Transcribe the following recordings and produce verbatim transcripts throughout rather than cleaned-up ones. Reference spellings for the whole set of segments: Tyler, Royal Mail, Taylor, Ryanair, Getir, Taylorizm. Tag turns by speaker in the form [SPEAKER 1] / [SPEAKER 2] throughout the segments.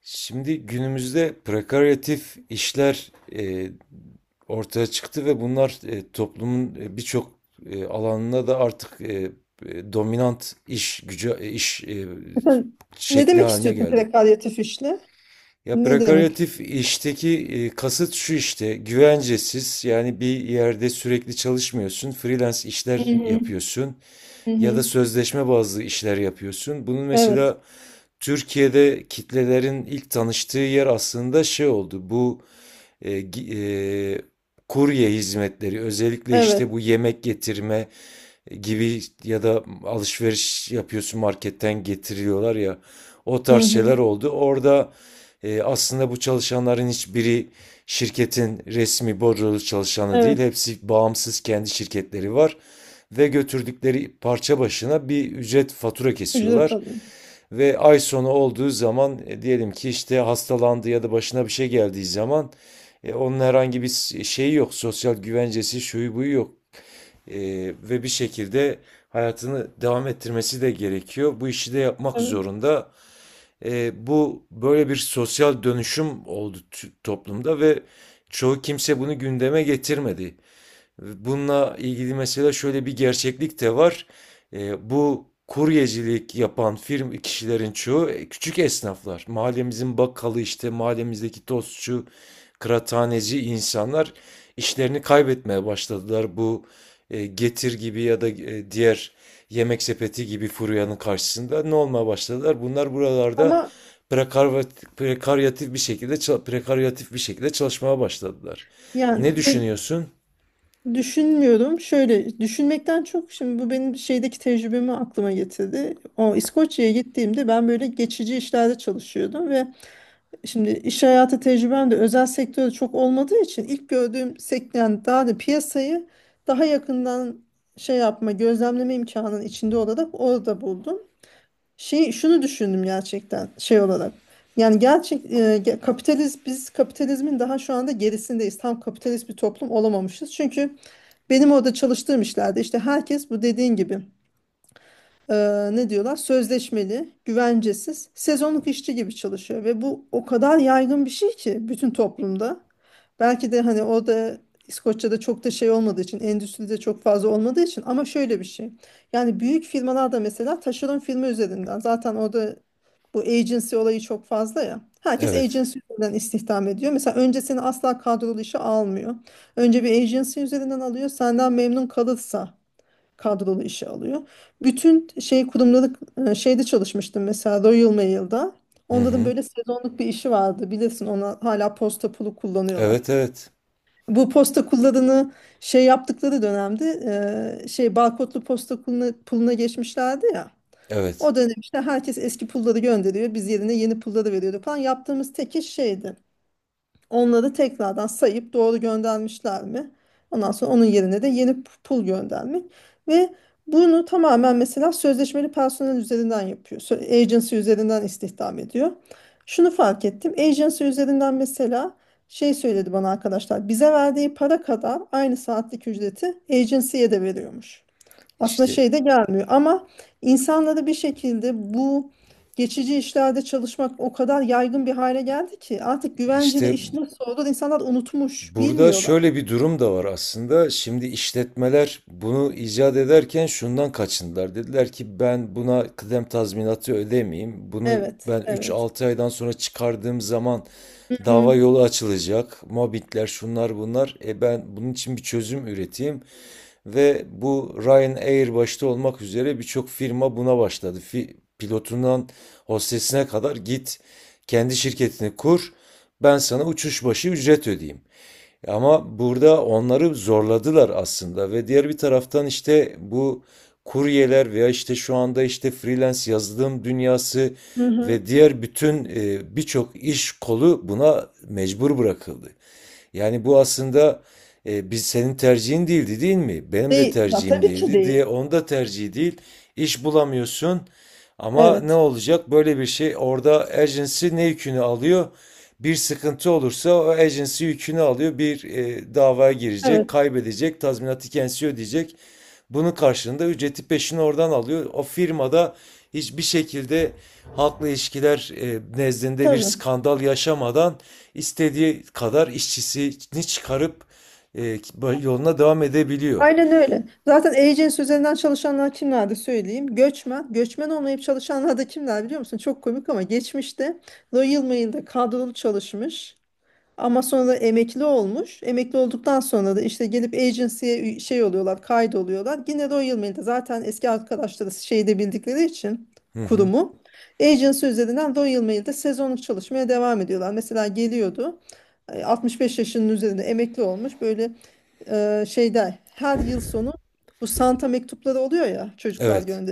[SPEAKER 1] Şimdi günümüzde prekaryatif işler e, ortaya çıktı ve bunlar e, toplumun e, birçok e, alanına da artık e, e, dominant iş gücü e, iş e,
[SPEAKER 2] Sen ne
[SPEAKER 1] şekli
[SPEAKER 2] demek
[SPEAKER 1] haline
[SPEAKER 2] istiyorsun
[SPEAKER 1] geldi.
[SPEAKER 2] prekaryatif işle?
[SPEAKER 1] Ya
[SPEAKER 2] Ne demek?
[SPEAKER 1] prekaryatif işteki e, kasıt şu, işte güvencesiz, yani bir yerde sürekli çalışmıyorsun, freelance
[SPEAKER 2] Hı
[SPEAKER 1] işler
[SPEAKER 2] hı.
[SPEAKER 1] yapıyorsun
[SPEAKER 2] Hı
[SPEAKER 1] ya da
[SPEAKER 2] hı.
[SPEAKER 1] sözleşme bazlı işler yapıyorsun. Bunun
[SPEAKER 2] Evet.
[SPEAKER 1] mesela Türkiye'de kitlelerin ilk tanıştığı yer aslında şey oldu. Bu e, e, kurye hizmetleri, özellikle işte
[SPEAKER 2] Evet.
[SPEAKER 1] bu yemek getirme gibi ya da alışveriş yapıyorsun marketten getiriyorlar ya, o
[SPEAKER 2] Hı
[SPEAKER 1] tarz
[SPEAKER 2] hı.
[SPEAKER 1] şeyler oldu. Orada e, aslında bu çalışanların hiçbiri şirketin resmi bordrolu çalışanı değil.
[SPEAKER 2] Evet.
[SPEAKER 1] Hepsi bağımsız, kendi şirketleri var ve götürdükleri parça başına bir ücret fatura
[SPEAKER 2] Ücret
[SPEAKER 1] kesiyorlar.
[SPEAKER 2] alıyor.
[SPEAKER 1] Ve ay sonu olduğu zaman e, diyelim ki işte hastalandı ya da başına bir şey geldiği zaman e, onun herhangi bir şeyi yok. Sosyal güvencesi, şuyu buyu yok. E, ve bir şekilde hayatını devam ettirmesi de gerekiyor. Bu işi de yapmak
[SPEAKER 2] Evet.
[SPEAKER 1] zorunda. E, bu böyle bir sosyal dönüşüm oldu toplumda ve çoğu kimse bunu gündeme getirmedi. Bununla ilgili mesela şöyle bir gerçeklik de var. Ee, bu kuryecilik yapan firm kişilerin çoğu e, küçük esnaflar. Mahallemizin bakkalı, işte mahallemizdeki tostçu, kıraathaneci insanlar işlerini kaybetmeye başladılar. Bu e, Getir gibi ya da e, diğer yemek sepeti gibi furyanın karşısında ne olmaya başladılar? Bunlar buralarda
[SPEAKER 2] Ama
[SPEAKER 1] prekarvat- prekaryatif bir şekilde çal- prekaryatif bir şekilde çalışmaya başladılar.
[SPEAKER 2] yani
[SPEAKER 1] Ne
[SPEAKER 2] ben
[SPEAKER 1] düşünüyorsun?
[SPEAKER 2] düşünmüyorum. Şöyle düşünmekten çok şimdi bu benim şeydeki tecrübemi aklıma getirdi. O İskoçya'ya gittiğimde ben böyle geçici işlerde çalışıyordum ve şimdi iş hayatı tecrübem de özel sektörde çok olmadığı için ilk gördüğüm sektör yani daha da piyasayı daha yakından şey yapma, gözlemleme imkanının içinde olarak orada buldum. Şey şunu düşündüm gerçekten şey olarak. Yani gerçek e, ge- kapitalizm biz kapitalizmin daha şu anda gerisindeyiz. Tam kapitalist bir toplum olamamışız. Çünkü benim orada çalıştığım işlerde işte herkes bu dediğin gibi eee, ne diyorlar, sözleşmeli, güvencesiz, sezonluk işçi gibi çalışıyor ve bu o kadar yaygın bir şey ki bütün toplumda. Belki de hani o da İskoçya'da çok da şey olmadığı için, endüstride çok fazla olmadığı için, ama şöyle bir şey. Yani büyük firmalarda mesela taşeron firma üzerinden zaten orada bu agency olayı çok fazla ya. Herkes
[SPEAKER 1] Evet.
[SPEAKER 2] agency üzerinden istihdam ediyor. Mesela önce seni asla kadrolu işe almıyor. Önce bir agency üzerinden alıyor. Senden memnun kalırsa kadrolu işe alıyor. Bütün şey kurumları, e, şeyde çalışmıştım mesela, Royal Mail'da.
[SPEAKER 1] Hı
[SPEAKER 2] Onların
[SPEAKER 1] hı.
[SPEAKER 2] böyle sezonluk bir işi vardı. Bilirsin ona hala posta pulu
[SPEAKER 1] Evet,
[SPEAKER 2] kullanıyorlar.
[SPEAKER 1] evet.
[SPEAKER 2] Bu posta kullarını şey yaptıkları dönemde, e, şey, barkodlu posta puluna, puluna geçmişlerdi ya.
[SPEAKER 1] Evet.
[SPEAKER 2] O dönem işte herkes eski pulları gönderiyor. Biz yerine yeni pulları veriyorduk falan. Yaptığımız tek iş şeydi. Onları tekrardan sayıp doğru göndermişler mi? Ondan sonra onun yerine de yeni p- pul göndermek. Ve bunu tamamen mesela sözleşmeli personel üzerinden yapıyor. Sö- Agency üzerinden istihdam ediyor. Şunu fark ettim. Agency üzerinden mesela şey söyledi bana arkadaşlar. Bize verdiği para kadar aynı saatlik ücreti agency'ye de veriyormuş. Aslında
[SPEAKER 1] İşte
[SPEAKER 2] şey de gelmiyor ama insanları bir şekilde bu geçici işlerde çalışmak o kadar yaygın bir hale geldi ki artık güvenceli
[SPEAKER 1] işte
[SPEAKER 2] iş nasıl olur insanlar unutmuş,
[SPEAKER 1] burada
[SPEAKER 2] bilmiyorlar.
[SPEAKER 1] şöyle bir durum da var aslında. Şimdi işletmeler bunu icat ederken şundan kaçındılar. Dediler ki ben buna kıdem tazminatı ödemeyeyim. Bunu
[SPEAKER 2] Evet,
[SPEAKER 1] ben üç
[SPEAKER 2] evet.
[SPEAKER 1] altı aydan sonra çıkardığım zaman
[SPEAKER 2] Hı
[SPEAKER 1] dava
[SPEAKER 2] hı,
[SPEAKER 1] yolu açılacak. Mobbingler, şunlar bunlar. E ben bunun için bir çözüm üreteyim. Ve bu Ryanair başta olmak üzere birçok firma buna başladı. Fi- Pilotundan hostesine kadar git kendi şirketini kur. Ben sana uçuş başı ücret ödeyeyim. Ama burada onları zorladılar aslında ve diğer bir taraftan işte bu kuryeler veya işte şu anda işte freelance yazılım dünyası
[SPEAKER 2] hı hı.
[SPEAKER 1] ve diğer bütün e, birçok iş kolu buna mecbur bırakıldı. Yani bu aslında e, biz, senin tercihin değildi değil mi? Benim de
[SPEAKER 2] Değil, ya
[SPEAKER 1] tercihim
[SPEAKER 2] tabii ki
[SPEAKER 1] değildi
[SPEAKER 2] değil.
[SPEAKER 1] diye, onda tercih değil. İş bulamıyorsun. Ama ne
[SPEAKER 2] Evet,
[SPEAKER 1] olacak? Böyle bir şey, orada agency ne yükünü alıyor? Bir sıkıntı olursa o agency yükünü alıyor. Bir e, davaya girecek,
[SPEAKER 2] evet,
[SPEAKER 1] kaybedecek, tazminatı kendisi ödeyecek. Bunun karşılığında ücreti peşin oradan alıyor. O firmada hiçbir şekilde halkla ilişkiler e, nezdinde bir
[SPEAKER 2] tabii.
[SPEAKER 1] skandal yaşamadan istediği kadar işçisini çıkarıp e, yoluna devam edebiliyor.
[SPEAKER 2] Aynen öyle. Zaten agency üzerinden çalışanlar kimlerdi söyleyeyim. Göçmen, göçmen olmayıp çalışanlar da kimler biliyor musun? Çok komik ama geçmişte Royal Mail'de kadrolu çalışmış. Ama sonra emekli olmuş. Emekli olduktan sonra da işte gelip agency'ye ü- şey oluyorlar, kaydoluyorlar. Yine Royal Mail'de zaten eski arkadaşları şeyde bildikleri için
[SPEAKER 1] Hı hı.
[SPEAKER 2] kurumu. Agency üzerinden Royal Mail'de sezonluk çalışmaya devam ediyorlar. Mesela geliyordu e, altmış beş yaşının üzerinde emekli olmuş böyle, e, şeyde her yıl sonu bu Santa mektupları oluyor ya çocuklar.
[SPEAKER 1] Evet.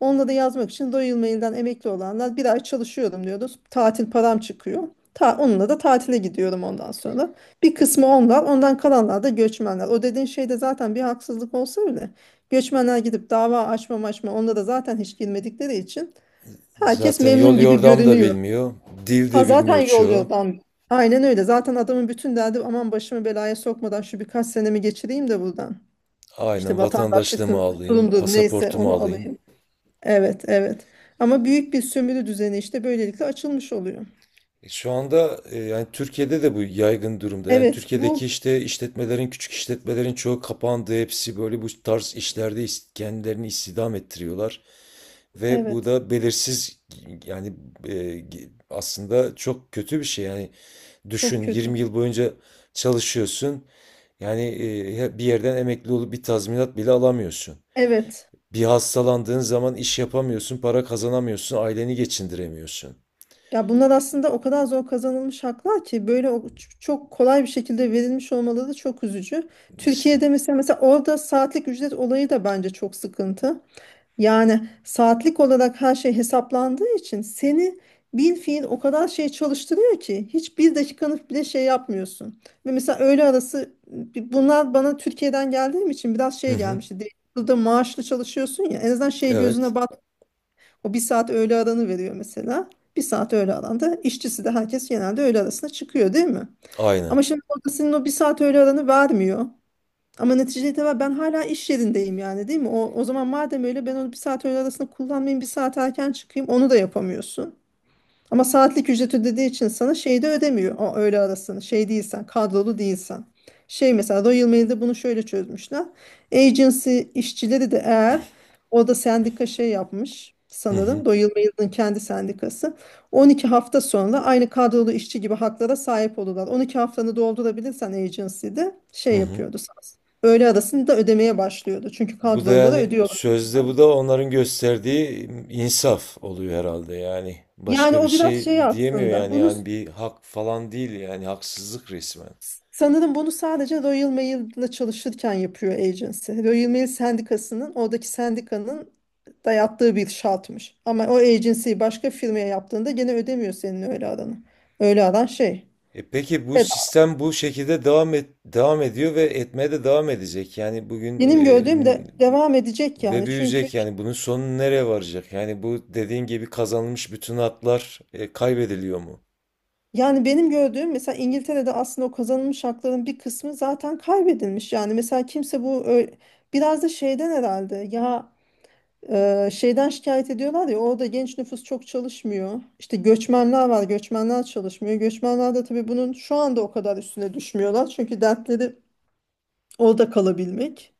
[SPEAKER 2] Onunla da yazmak için Royal Mail'den emekli olanlar bir ay çalışıyorum diyoruz. Tatil param çıkıyor. Ta, onunla da tatile gidiyorum ondan sonra. Bir kısmı onlar, ondan kalanlar da göçmenler. O dediğin şeyde zaten bir haksızlık olsa bile göçmenler gidip dava açma açma onda da zaten hiç girmedikleri için herkes
[SPEAKER 1] Zaten yol
[SPEAKER 2] memnun gibi
[SPEAKER 1] yordam da
[SPEAKER 2] görünüyor.
[SPEAKER 1] bilmiyor. Dil
[SPEAKER 2] Ha
[SPEAKER 1] de
[SPEAKER 2] zaten
[SPEAKER 1] bilmiyor
[SPEAKER 2] yol
[SPEAKER 1] çoğu.
[SPEAKER 2] yordan. Aynen öyle. Zaten adamın bütün derdi, aman başımı belaya sokmadan şu birkaç senemi geçireyim de buradan. İşte
[SPEAKER 1] Aynen, vatandaşlığımı
[SPEAKER 2] vatandaşlıktır,
[SPEAKER 1] alayım,
[SPEAKER 2] kurumdur, neyse
[SPEAKER 1] pasaportumu
[SPEAKER 2] onu
[SPEAKER 1] alayım.
[SPEAKER 2] alayım. Evet, evet. Ama büyük bir sömürü düzeni işte böylelikle açılmış oluyor.
[SPEAKER 1] E, Şu anda e, yani Türkiye'de de bu yaygın durumda. Yani
[SPEAKER 2] Evet, bu
[SPEAKER 1] Türkiye'deki işte işletmelerin, küçük işletmelerin çoğu kapandı. Hepsi böyle bu tarz işlerde is- kendilerini istihdam ettiriyorlar. Ve bu
[SPEAKER 2] evet,
[SPEAKER 1] da belirsiz yani e, ge- aslında çok kötü bir şey. Yani
[SPEAKER 2] çok
[SPEAKER 1] düşün,
[SPEAKER 2] kötü.
[SPEAKER 1] yirmi yıl boyunca çalışıyorsun. Yani e, bir yerden emekli olup bir tazminat bile alamıyorsun.
[SPEAKER 2] Evet.
[SPEAKER 1] Bir hastalandığın zaman iş yapamıyorsun, para kazanamıyorsun, aileni geçindiremiyorsun.
[SPEAKER 2] Ya bunlar aslında o kadar zor kazanılmış haklar ki böyle o- ç- çok kolay bir şekilde verilmiş olmaları da çok üzücü.
[SPEAKER 1] İşte.
[SPEAKER 2] Türkiye'de mesela mesela orada saatlik ücret olayı da bence çok sıkıntı. Yani saatlik olarak her şey hesaplandığı için seni bil fiil o kadar şey çalıştırıyor ki hiçbir dakikanı bile şey yapmıyorsun. Ve mesela öğle arası, bunlar bana Türkiye'den geldiğim için biraz
[SPEAKER 1] Hı
[SPEAKER 2] şey
[SPEAKER 1] hı.
[SPEAKER 2] gelmişti. Değil- Burada maaşlı çalışıyorsun ya, en azından şey
[SPEAKER 1] Evet.
[SPEAKER 2] gözüne bat, o bir saat öğle aranı veriyor mesela. Bir saat öğle aranda işçisi de herkes genelde öğle arasına çıkıyor değil mi?
[SPEAKER 1] Aynen.
[SPEAKER 2] Ama şimdi orada senin o bir saat öğle aranı vermiyor. Ama netice itibariyle ben hala iş yerindeyim yani değil mi? O, o zaman madem öyle ben onu bir saat öğle arasında kullanmayayım, bir saat erken çıkayım, onu da yapamıyorsun. Ama saatlik ücret ödediği için sana şeyi de ödemiyor. O öğle arasını, şey değilsen, kadrolu değilsen. Şey mesela Royal Mail'de bunu şöyle çözmüşler. Agency işçileri de, eğer orada sendika şey yapmış
[SPEAKER 1] Hı hı.
[SPEAKER 2] sanırım. Royal Mail'in kendi sendikası. on iki hafta sonra aynı kadrolu işçi gibi haklara sahip olurlar. on iki haftanı doldurabilirsen agency'de
[SPEAKER 1] Hı
[SPEAKER 2] şey
[SPEAKER 1] hı.
[SPEAKER 2] yapıyordu sana. Öğle arasını da ödemeye başlıyordu. Çünkü
[SPEAKER 1] Bu da
[SPEAKER 2] kadrolulara
[SPEAKER 1] yani
[SPEAKER 2] ödüyorlar.
[SPEAKER 1] sözde bu da onların gösterdiği insaf oluyor herhalde yani.
[SPEAKER 2] Yani
[SPEAKER 1] Başka bir
[SPEAKER 2] o biraz
[SPEAKER 1] şey
[SPEAKER 2] şey
[SPEAKER 1] diyemiyor
[SPEAKER 2] aslında.
[SPEAKER 1] yani
[SPEAKER 2] Bunu,
[SPEAKER 1] yani bir hak falan değil, yani haksızlık resmen.
[SPEAKER 2] sanırım bunu sadece Royal Mail'la çalışırken yapıyor agency. Royal Mail sendikasının, oradaki sendikanın dayattığı bir şartmış. Ama o agency'yi başka firmaya yaptığında gene ödemiyor senin öyle aranı. Öyle aran şey.
[SPEAKER 1] E peki, bu
[SPEAKER 2] Evet.
[SPEAKER 1] sistem bu şekilde devam et, devam ediyor ve etmeye de devam edecek. Yani bugün
[SPEAKER 2] Benim
[SPEAKER 1] e,
[SPEAKER 2] gördüğüm
[SPEAKER 1] n-
[SPEAKER 2] de devam edecek
[SPEAKER 1] ve
[SPEAKER 2] yani. Çünkü
[SPEAKER 1] büyüyecek, yani bunun sonu nereye varacak? Yani bu dediğin gibi kazanılmış bütün haklar e, kaybediliyor mu?
[SPEAKER 2] yani benim gördüğüm mesela İngiltere'de aslında o kazanılmış hakların bir kısmı zaten kaybedilmiş. Yani mesela kimse bu ö- biraz da şeyden herhalde ya. Ee, şeyden şikayet ediyorlar ya, orada genç nüfus çok çalışmıyor. İşte göçmenler var, göçmenler çalışmıyor. Göçmenler de tabii bunun şu anda o kadar üstüne düşmüyorlar. Çünkü dertleri orada kalabilmek.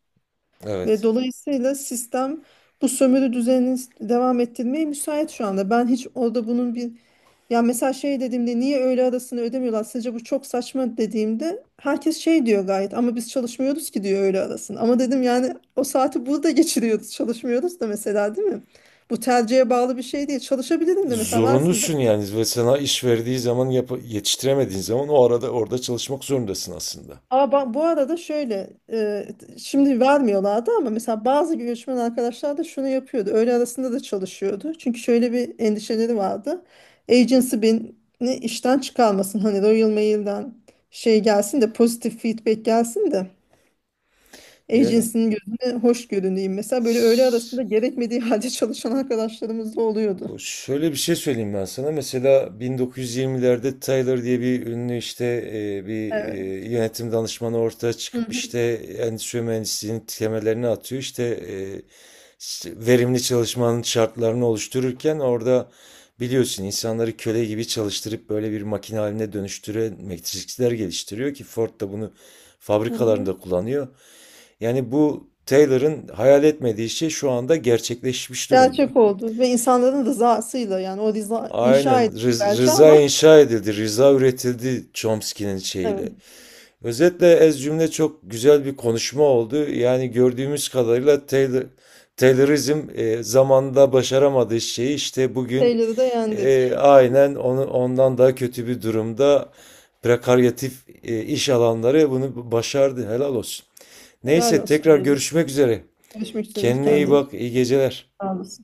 [SPEAKER 2] Ve
[SPEAKER 1] Evet.
[SPEAKER 2] dolayısıyla sistem bu sömürü düzenini devam ettirmeye müsait şu anda. Ben hiç orada bunun bir, ya mesela şey dediğimde, niye öğle arasını ödemiyorlar? Sizce bu çok saçma dediğimde herkes şey diyor, gayet ama biz çalışmıyoruz ki diyor öğle arasını. Ama dedim yani o saati burada geçiriyoruz, çalışmıyoruz da mesela değil mi? Bu tercihe bağlı bir şey değil. Çalışabilirim de mesela, versin bana.
[SPEAKER 1] Zorunlusun yani ve sana iş verdiği zaman yap yetiştiremediğin zaman o arada orada çalışmak zorundasın aslında.
[SPEAKER 2] Ama ba- bu arada şöyle e, t- şimdi vermiyorlardı ama mesela bazı göçmen arkadaşlar da şunu yapıyordu. Öğle arasında da çalışıyordu. Çünkü şöyle bir endişeleri vardı. Agency beni işten çıkarmasın. Hani Royal Mail'den şey gelsin de, pozitif feedback gelsin de,
[SPEAKER 1] Yani
[SPEAKER 2] agency'nin gözüne hoş görüneyim. Mesela böyle öğle arasında gerekmediği halde çalışan arkadaşlarımız da oluyordu.
[SPEAKER 1] Bu- şöyle bir şey söyleyeyim ben sana. Mesela bin dokuz yüz yirmilerde Tyler diye bir ünlü, işte e, bir e,
[SPEAKER 2] Evet.
[SPEAKER 1] yönetim danışmanı ortaya
[SPEAKER 2] Hı
[SPEAKER 1] çıkıp
[SPEAKER 2] hı.
[SPEAKER 1] işte endüstri mühendisliğinin temellerini atıyor. İşte e, s- verimli çalışmanın şartlarını oluştururken orada biliyorsun insanları köle gibi çalıştırıp böyle bir makine haline dönüştüren metrikler geliştiriyor ki Ford da bunu
[SPEAKER 2] Hı hı.
[SPEAKER 1] fabrikalarında kullanıyor. Yani bu Taylor'ın hayal etmediği şey şu anda gerçekleşmiş durumda.
[SPEAKER 2] Gerçek oldu ve insanların rızasıyla, yani o rıza
[SPEAKER 1] Aynen,
[SPEAKER 2] inşa edildi
[SPEAKER 1] Rız-
[SPEAKER 2] belki
[SPEAKER 1] Rıza
[SPEAKER 2] ama
[SPEAKER 1] inşa edildi, Rıza üretildi, Chomsky'nin şeyiyle.
[SPEAKER 2] evet.
[SPEAKER 1] Özetle, ez cümle, çok güzel bir konuşma oldu. Yani gördüğümüz kadarıyla Taylor, Taylorizm e, zamanında başaramadığı şeyi işte bugün
[SPEAKER 2] Şeyleri de
[SPEAKER 1] e,
[SPEAKER 2] yendik.
[SPEAKER 1] aynen onu, ondan daha kötü bir durumda prekaryatif e, iş alanları bunu başardı. Helal olsun.
[SPEAKER 2] Helal
[SPEAKER 1] Neyse,
[SPEAKER 2] olsun
[SPEAKER 1] tekrar
[SPEAKER 2] diyelim.
[SPEAKER 1] görüşmek üzere.
[SPEAKER 2] Görüşmek üzere.
[SPEAKER 1] Kendine iyi
[SPEAKER 2] Kendine iyi bak.
[SPEAKER 1] bak, iyi geceler.
[SPEAKER 2] Sağ olasın.